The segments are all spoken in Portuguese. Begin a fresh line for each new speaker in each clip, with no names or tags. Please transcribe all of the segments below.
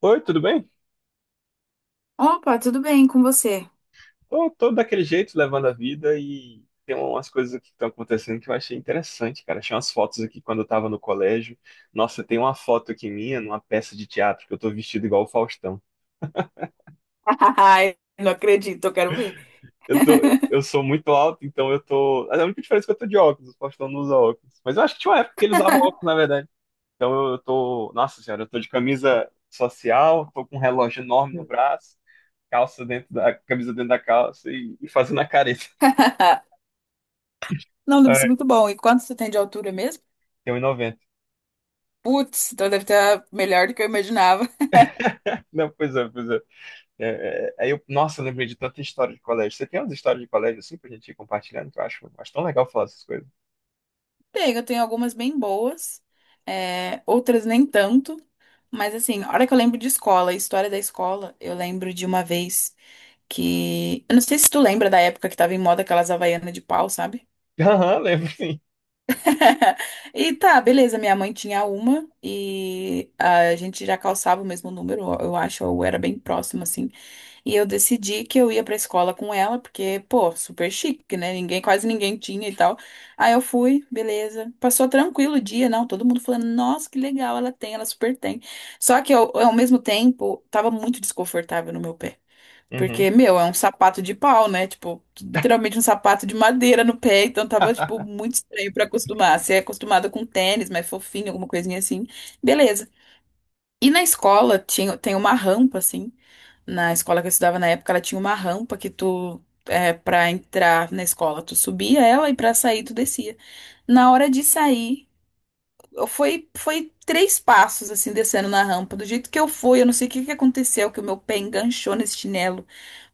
Oi, tudo bem?
Opa, tudo bem com você?
Tô daquele jeito, levando a vida e tem umas coisas aqui que estão acontecendo que eu achei interessante, cara. Achei umas fotos aqui quando eu tava no colégio. Nossa, tem uma foto aqui minha numa peça de teatro que eu tô vestido igual o Faustão.
Ai, não acredito, eu quero ver.
Eu tô, eu sou muito alto, então eu tô. A única diferença é que eu tô de óculos, o Faustão não usa óculos. Mas eu acho que tinha uma época que ele usava óculos, na verdade. Então eu tô. Nossa senhora, eu tô de camisa social, tô com um relógio enorme no braço, calça dentro da. Camisa dentro da calça e fazendo a careta.
Não, deve ser
É,
muito bom. E quanto você tem de altura mesmo?
tem 1,90.
Putz, então deve estar melhor do que eu imaginava.
Não, pois é, pois é. É, é, aí eu, nossa, eu lembrei de tanta história de colégio. Você tem umas histórias de colégio assim pra gente ir compartilhando, que eu acho tão legal falar essas coisas.
Tem, eu tenho algumas bem boas, é, outras nem tanto. Mas assim, a hora que eu lembro de escola, história da escola, eu lembro de uma vez que. Eu não sei se tu lembra da época que tava em moda aquelas havaianas de pau, sabe?
Aham, lembro sim.
E tá, beleza. Minha mãe tinha uma e a gente já calçava o mesmo número, eu acho, ou era bem próximo, assim. E eu decidi que eu ia pra escola com ela, porque, pô, super chique, né? Ninguém, quase ninguém tinha e tal. Aí eu fui, beleza. Passou tranquilo o dia, não? Todo mundo falando, nossa, que legal, ela tem, ela super tem. Só que eu, ao mesmo tempo, tava muito desconfortável no meu pé.
Uhum.
Porque, meu, é um sapato de pau, né? Tipo, literalmente um sapato de madeira no pé. Então tava, tipo, muito estranho pra acostumar. Se é acostumada com tênis, mais fofinho, alguma coisinha assim, beleza. E na escola tinha, tem uma rampa, assim. Na escola que eu estudava na época, ela tinha uma rampa que tu, é, pra entrar na escola, tu subia ela e pra sair tu descia. Na hora de sair eu foi três passos assim descendo na rampa. Do jeito que eu fui, eu não sei o que que aconteceu, que o meu pé enganchou nesse chinelo,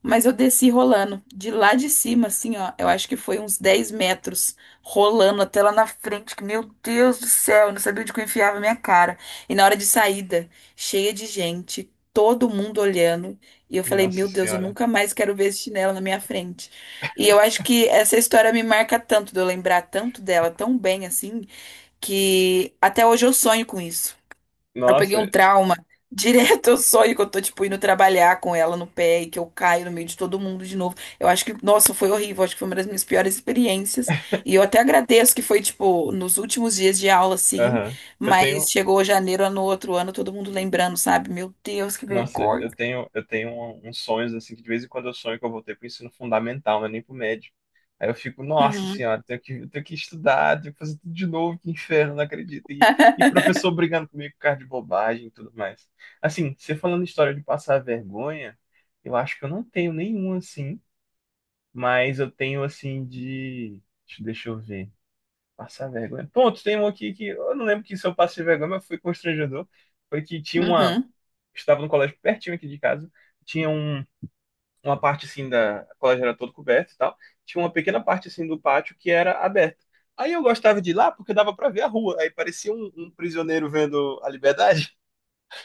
mas eu desci rolando de lá de cima, assim, ó. Eu acho que foi uns 10 metros rolando até lá na frente, que meu Deus do céu, eu não sabia onde que eu enfiava a minha cara. E na hora de saída, cheia de gente, todo mundo olhando. E eu falei,
Nossa
meu Deus, eu
senhora.
nunca mais quero ver esse chinelo na minha frente. E eu acho que essa história me marca tanto, de eu lembrar tanto dela, tão bem assim, que até hoje eu sonho com isso. Eu peguei
Nossa,
um trauma. Direto eu sonho que eu tô, tipo, indo trabalhar com ela no pé e que eu caio no meio de todo mundo de novo. Eu acho que, nossa, foi horrível. Acho que foi uma das minhas piores experiências. E eu até agradeço que foi, tipo, nos últimos dias de aula, sim.
aham. Eu
Mas
tenho.
chegou janeiro no outro ano, todo mundo lembrando, sabe? Meu Deus, que
Nossa,
vergonha.
eu tenho uns sonhos assim que de vez em quando eu sonho que eu voltei pro ensino fundamental, mas nem pro médio. Aí eu fico, nossa
Uhum,
senhora, eu tenho que estudar, tenho que fazer tudo de novo, que inferno, não acredito. E, professor brigando comigo por causa de bobagem e tudo mais. Assim, você falando história de passar vergonha, eu acho que eu não tenho nenhum assim, mas eu tenho assim de. Deixa eu ver. Passar vergonha. Ponto, tem um aqui que eu não lembro que se eu passei vergonha, mas foi constrangedor. Foi que tinha uma
uhum.
estudava no colégio pertinho aqui de casa. Tinha um, uma parte assim da. O colégio era todo coberto e tal. Tinha uma pequena parte assim do pátio que era aberta. Aí eu gostava de ir lá porque dava para ver a rua. Aí parecia um, um prisioneiro vendo a liberdade.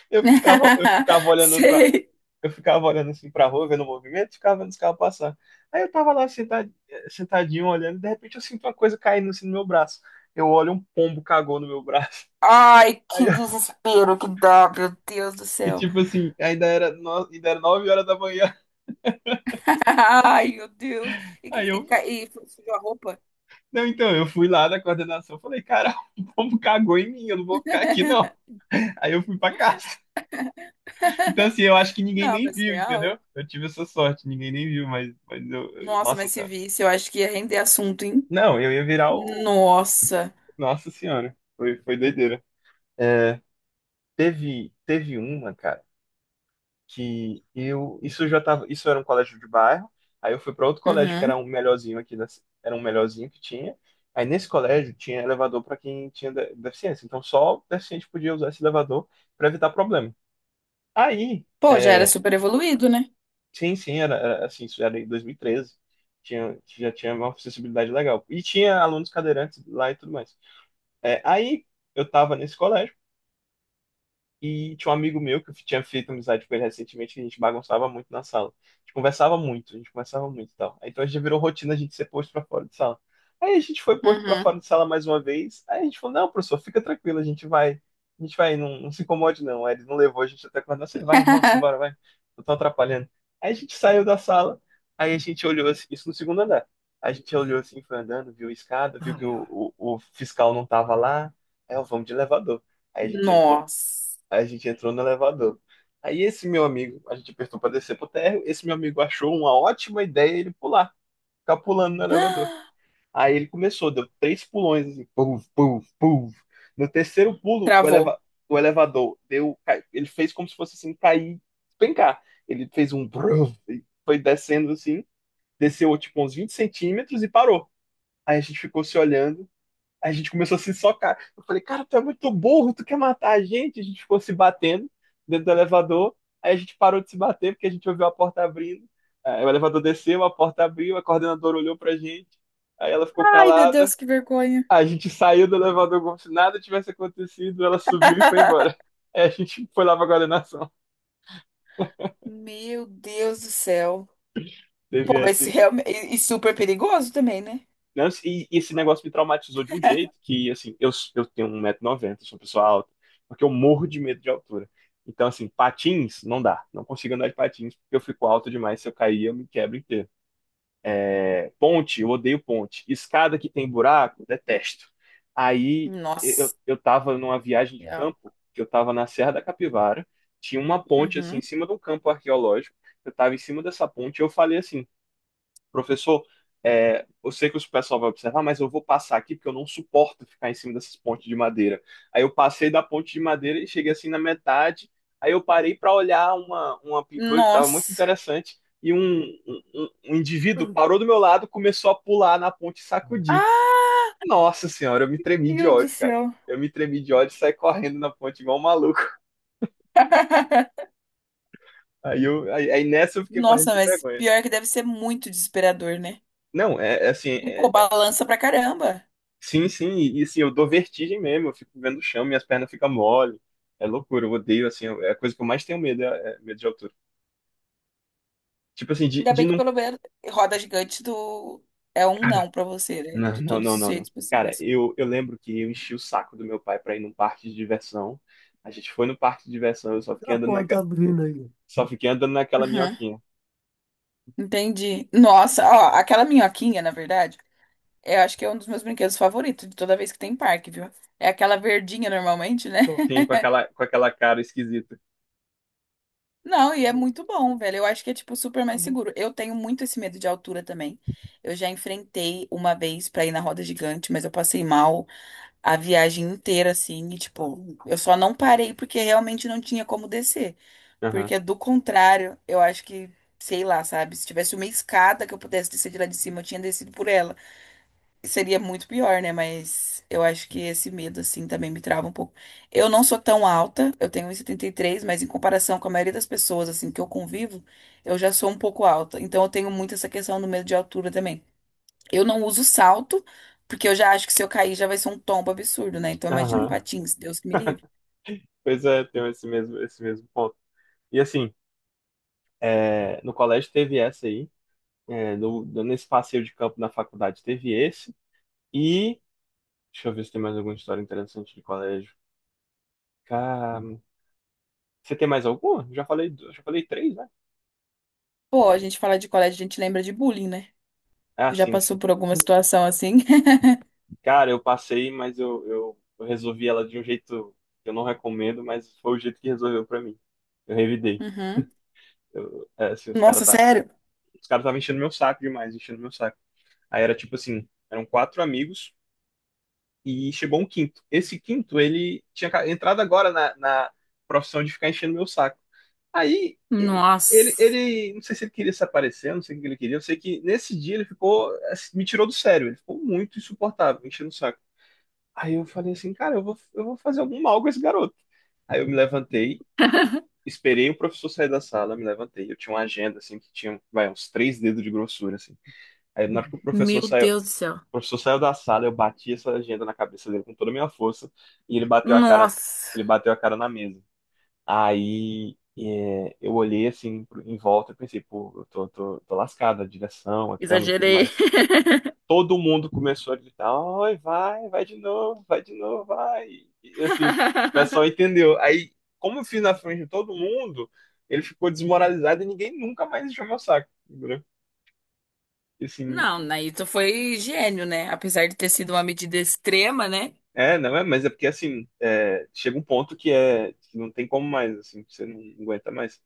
Eu ficava, eu ficava olhando para
Sei.
eu ficava olhando assim pra rua, vendo o movimento, ficava vendo os carros passar. Aí eu tava lá sentadinho olhando, e de repente eu sinto uma coisa caindo assim no meu braço. Eu olho, um pombo cagou no meu braço.
Ai,
Aí
que
eu-
desespero que dá, meu Deus do
E
céu.
tipo assim, ainda era, no... ainda era 9 horas da manhã.
Ai, meu Deus. E, que-
Aí
e,
eu
ca- e sujou a roupa?
Não, então, eu fui lá da coordenação, falei, cara, o povo cagou em mim, eu não vou ficar aqui, não. Aí eu fui pra casa. Então, assim, eu acho que ninguém
Não,
nem
mas
viu,
real.
entendeu? Eu tive essa sorte, ninguém nem viu, mas eu,
Nossa,
nossa
mas se
senhora.
visse, eu acho que ia render assunto, hein?
Não, eu ia virar o,
Nossa.
nossa senhora, foi, foi doideira. É, teve uma, cara. Que eu isso já tava, isso era um colégio de bairro. Aí eu fui para outro colégio que
Uhum.
era um melhorzinho aqui era um melhorzinho que tinha. Aí nesse colégio tinha elevador para quem tinha deficiência. Então só o deficiente podia usar esse elevador para evitar problema. Aí,
Pô, já era
é,
super evoluído, né?
sim, sim, era assim, isso era em 2013. Tinha, já tinha uma acessibilidade legal. E tinha alunos cadeirantes lá e tudo mais. É, aí eu tava nesse colégio. E tinha um amigo meu que eu tinha feito amizade com ele recentemente, que a gente bagunçava muito na sala. A gente conversava muito, a gente conversava muito e tal. Aí, então a gente virou rotina a gente ser posto pra fora de sala. Aí a gente foi posto pra
Uhum.
fora de sala mais uma vez. Aí a gente falou: não, professor, fica tranquilo, a gente vai, não, não se incomode não. Aí ele não levou a gente até quando, você vai, vamos embora, vai, eu tô atrapalhando. Aí a gente saiu da sala, aí a gente olhou assim, isso no segundo andar. A gente olhou assim, foi andando, viu a escada, viu que o fiscal não tava lá. Aí, ó, vamos de elevador. Aí a gente entrou
Nossa.
Aí a gente entrou no elevador. Aí esse meu amigo, a gente apertou para descer pro térreo, esse meu amigo achou uma ótima ideia ele pular, ficar pulando no elevador. Aí ele começou, deu três pulões, assim, puf, puf, puf. No terceiro pulo,
Travou.
o elevador deu, ele fez como se fosse assim, cair, pencar. Ele fez um bruf, e foi descendo assim, desceu tipo uns 20 centímetros e parou. Aí a gente ficou se olhando. A gente começou a se socar. Eu falei, cara, tu é muito burro, tu quer matar a gente? A gente ficou se batendo dentro do elevador. Aí a gente parou de se bater porque a gente ouviu a porta abrindo. Aí o elevador desceu, a porta abriu, a coordenadora olhou pra gente. Aí ela ficou
Ai, meu
calada.
Deus, que vergonha.
A gente saiu do elevador como se nada tivesse acontecido. Ela subiu e foi embora. Aí a gente foi lá pra coordenação.
Meu Deus do céu.
Teve
Pô, mas se
assim.
realmente. E super perigoso também, né?
Né? E, esse negócio me traumatizou de um jeito que, assim, eu tenho um 190 noventa sou uma pessoa alta, porque eu morro de medo de altura. Então, assim, patins não dá. Não consigo andar de patins porque eu fico alto demais. Se eu cair, eu me quebro inteiro. É, ponte, eu odeio ponte. Escada que tem buraco, detesto. Aí
Nossa.
eu tava numa viagem de
Real.
campo, que eu tava na Serra da Capivara, tinha uma ponte assim
Uhum.
em cima de um campo arqueológico. Eu tava em cima dessa ponte, e eu falei assim: professor, é, eu sei que o pessoal vai observar, mas eu vou passar aqui porque eu não suporto ficar em cima dessas pontes de madeira. Aí eu passei da ponte de madeira e cheguei assim na metade. Aí eu parei para olhar uma pintura que estava muito
Nossa.
interessante e um um indivíduo parou do meu lado, começou a pular na ponte e sacudir.
Ai,
Nossa senhora, eu me tremi de
meu Deus do
ódio, cara.
céu.
Eu me tremi de ódio e saí correndo na ponte igual um maluco. Aí nessa eu fiquei morrendo
Nossa,
de
mas
vergonha.
pior que deve ser muito desesperador, né?
Não, é assim,
E,
é,
pô, balança pra caramba.
sim, sim, e, assim, eu dou vertigem mesmo, eu fico vendo o chão, minhas pernas ficam mole, é loucura, eu odeio, assim, é a coisa que eu mais tenho medo, é medo de altura. Tipo assim, de,
Ainda
de
bem que
não...
pelo menos roda gigante do... é um
Cara,
não pra você, né?
não,
De
não,
todos
não,
os
não, não.
jeitos
Cara,
possíveis.
eu lembro que eu enchi o saco do meu pai pra ir num parque de diversão, a gente foi no parque de diversão, eu só fiquei
A
andando,
porta abrindo aí.
só fiquei andando naquela
Uhum,
minhoquinha,
entendi. Nossa, ó, aquela minhoquinha, na verdade, eu acho que é um dos meus brinquedos favoritos de toda vez que tem parque, viu? É aquela verdinha normalmente, né?
sim, com aquela cara esquisita.
Não, e é muito bom, velho. Eu acho que é, tipo, super mais uhum, seguro. Eu tenho muito esse medo de altura também. Eu já enfrentei uma vez pra ir na roda gigante, mas eu passei mal a viagem inteira, assim, e, tipo, eu só não parei porque realmente não tinha como descer.
Aham,
Porque, do contrário, eu acho que, sei lá, sabe? Se tivesse uma escada que eu pudesse descer de lá de cima, eu tinha descido por ela seria muito pior, né? Mas eu acho que esse medo, assim, também me trava um pouco. Eu não sou tão alta, eu tenho 1,73, mas em comparação com a maioria das pessoas, assim, que eu convivo, eu já sou um pouco alta. Então eu tenho muito essa questão do medo de altura também. Eu não uso salto, porque eu já acho que se eu cair já vai ser um tombo absurdo, né? Então imagina um
aham,
patins, Deus que me livre.
pois é, tem esse mesmo ponto. E assim, no colégio teve essa aí. É, nesse passeio de campo na faculdade teve esse. E deixa eu ver se tem mais alguma história interessante de colégio. Cara, você tem mais alguma? Já falei, já falei três, né?
Pô, a gente fala de colégio, a gente lembra de bullying, né?
Ah,
Tu já
sim,
passou
sim.
por alguma situação assim?
Cara, eu passei, mas eu resolvi ela de um jeito que eu não recomendo, mas foi o jeito que resolveu pra mim. Eu revidei.
Uhum.
Eu, é, assim,
Nossa, sério?
os cara estavam enchendo meu saco demais, enchendo meu saco. Aí era tipo assim, eram quatro amigos. E chegou um quinto. Esse quinto, ele tinha entrado agora na profissão de ficar enchendo meu saco. Aí, ele,
Nossa,
ele, não sei se ele queria se aparecer, não sei o que ele queria, eu sei que nesse dia ele ficou, assim, me tirou do sério, ele ficou muito insuportável, enchendo o saco. Aí eu falei assim, cara, eu vou fazer algum mal com esse garoto. Aí eu me levantei, esperei o professor sair da sala, me levantei, eu tinha uma agenda, assim, que tinha, vai, uns três dedos de grossura, assim. Aí na hora que o professor
meu
saiu,
Deus do céu.
da sala, eu bati essa agenda na cabeça dele com toda a minha força e ele bateu a cara,
Nossa.
ele bateu a cara na mesa. Aí é, eu olhei assim em volta e pensei, pô, eu tô lascado, a direção, a câmera e tudo
Exagerei.
mais. Todo mundo começou a gritar, oi, vai, vai de novo, vai de novo, vai. E assim, o pessoal entendeu. Aí, como eu fiz na frente de todo mundo, ele ficou desmoralizado e ninguém nunca mais encheu meu saco, entendeu? E, assim,
Não, daí tu foi gênio, né? Apesar de ter sido uma medida extrema, né?
é, não é, mas é porque assim, é, chega um ponto que é que não tem como mais, assim, você não aguenta mais.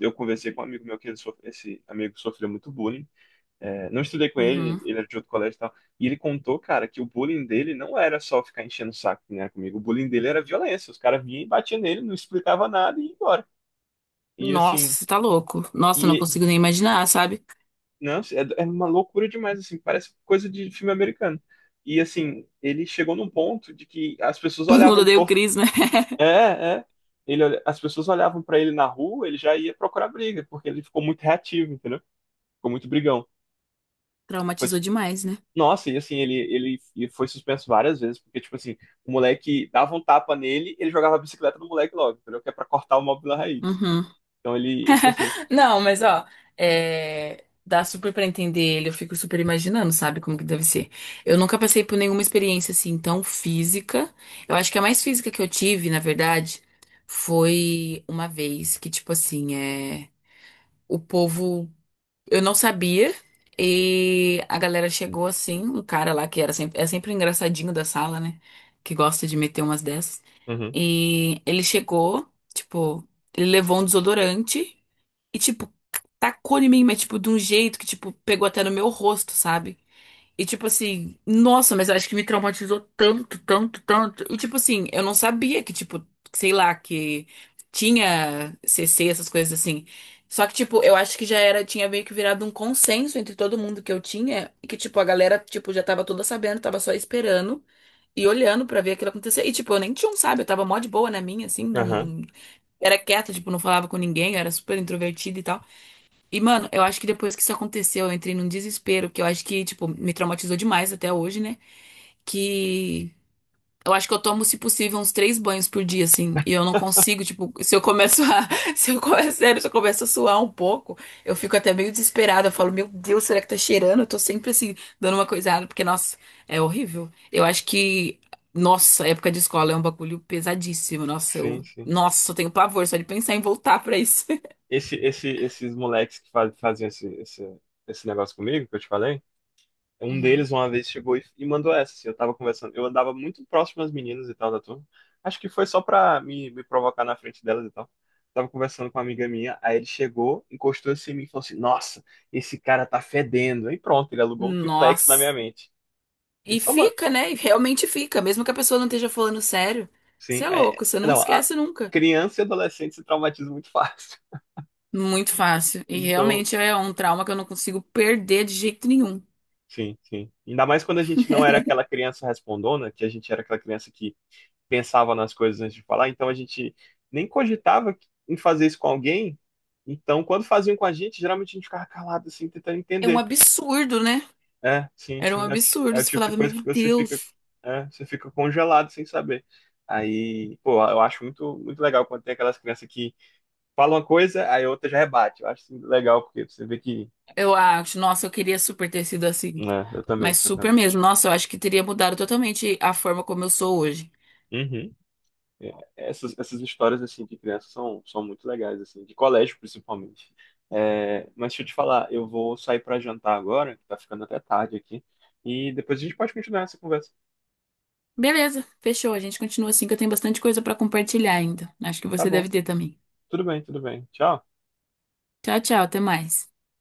Eu conversei com um amigo meu que ele sofre, esse amigo sofreu muito bullying. É, não estudei com ele,
Uhum.
ele era de outro colégio e tal. E ele contou, cara, que o bullying dele não era só ficar enchendo o saco, né, comigo. O bullying dele era violência. Os caras vinham e batiam nele, não explicava nada e ia embora. E
Nossa,
assim,
você tá louco. Nossa, eu não
e
consigo nem imaginar, sabe?
não, é, é uma loucura demais, assim, parece coisa de filme americano. E assim, ele chegou num ponto de que as pessoas
Todo mundo
olhavam
odeia o
torto.
Chris, né?
É, é. Ele, as pessoas olhavam pra ele na rua, ele já ia procurar briga, porque ele ficou muito reativo, entendeu? Ficou muito brigão. Foi,
Traumatizou demais, né?
nossa, e assim, ele, e foi suspenso várias vezes, porque, tipo assim, o moleque dava um tapa nele, ele jogava a bicicleta no moleque logo, entendeu? Que é pra cortar o mal pela raiz.
Uhum.
Então ele, tipo assim.
Não, mas ó, é, dá super pra entender ele. Eu fico super imaginando, sabe? Como que deve ser. Eu nunca passei por nenhuma experiência assim tão física. Eu acho que a mais física que eu tive, na verdade, foi uma vez que, tipo assim, é. O povo. Eu não sabia. E a galera chegou assim, um cara lá que era sempre o engraçadinho da sala, né? Que gosta de meter umas dessas.
Uhum,
E ele chegou, tipo, ele levou um desodorante e, tipo, tacou em mim, mas, tipo, de um jeito que, tipo, pegou até no meu rosto, sabe? E tipo assim, nossa, mas acho que me traumatizou tanto, tanto, tanto. E tipo assim, eu não sabia que, tipo, sei lá, que tinha CC, essas coisas assim. Só que, tipo, eu acho que já era, tinha meio que virado um consenso entre todo mundo que eu tinha, e que, tipo, a galera, tipo, já tava toda sabendo, tava só esperando e olhando pra ver aquilo acontecer. E, tipo, eu nem tinha um, sabe? Eu tava mó de boa na minha, assim,
aham,
não. Era quieta, tipo, não falava com ninguém, eu era super introvertida e tal. E, mano, eu acho que depois que isso aconteceu, eu entrei num desespero, que eu acho que, tipo, me traumatizou demais até hoje, né? Que eu acho que eu tomo, se possível, uns três banhos por dia, assim, e eu não consigo, tipo, se eu começo a. Se eu começo, sério, se eu começo a suar um pouco, eu fico até meio desesperada. Eu falo, meu Deus, será que tá cheirando? Eu tô sempre, assim, dando uma coisada, porque, nossa, é horrível. Eu acho que. Nossa, época de escola é um bagulho pesadíssimo. Nossa, eu.
sim, sim.
Nossa, eu tenho pavor só de pensar em voltar pra isso.
Esses moleques que faziam esse negócio comigo, que eu te falei. Um
Uhum.
deles uma vez chegou e mandou essa, assim, eu tava conversando, eu andava muito próximo às meninas e tal da turma, acho que foi só pra me provocar na frente delas e tal. Tava conversando com uma amiga minha, aí ele chegou, encostou assim em mim e falou assim, nossa, esse cara tá fedendo. E pronto, ele alugou um triplex na minha
Nossa.
mente. Ele
E
só manda,
fica, né? E realmente fica, mesmo que a pessoa não esteja falando sério. Você
sim,
é
é,
louco, você não
não, a
esquece nunca.
criança e adolescente se traumatizam muito fácil.
Muito fácil. E
Então,
realmente é um trauma que eu não consigo perder de jeito nenhum.
sim, sim. Ainda mais quando a gente não era aquela criança respondona, que a gente era aquela criança que pensava nas coisas antes de falar, então a gente nem cogitava em fazer isso com alguém. Então, quando faziam com a gente, geralmente a gente ficava calado, assim, tentando
É um
entender.
absurdo, né?
É, sim,
Era um
sim. É, o
absurdo.
é o
Você
tipo de
falava,
coisa
meu
que você fica,
Deus.
você fica congelado sem saber. Aí, pô, eu acho muito, muito legal quando tem aquelas crianças que falam uma coisa, aí a outra já rebate. Eu acho isso legal, porque você vê que.
Eu acho, nossa, eu queria super ter sido assim.
É, eu também,
Mas
eu
super
também.
mesmo. Nossa, eu acho que teria mudado totalmente a forma como eu sou hoje.
Uhum. É, essas, essas histórias assim de criança são, são muito legais assim, de colégio principalmente. É, mas deixa eu te falar, eu vou sair para jantar agora, que tá ficando até tarde aqui, e depois a gente pode continuar essa conversa.
Beleza, fechou. A gente continua assim, que eu tenho bastante coisa pra compartilhar ainda. Acho que
Tá
você deve
bom.
ter também.
Tudo bem, tudo bem. Tchau.
Tchau, tchau, até mais.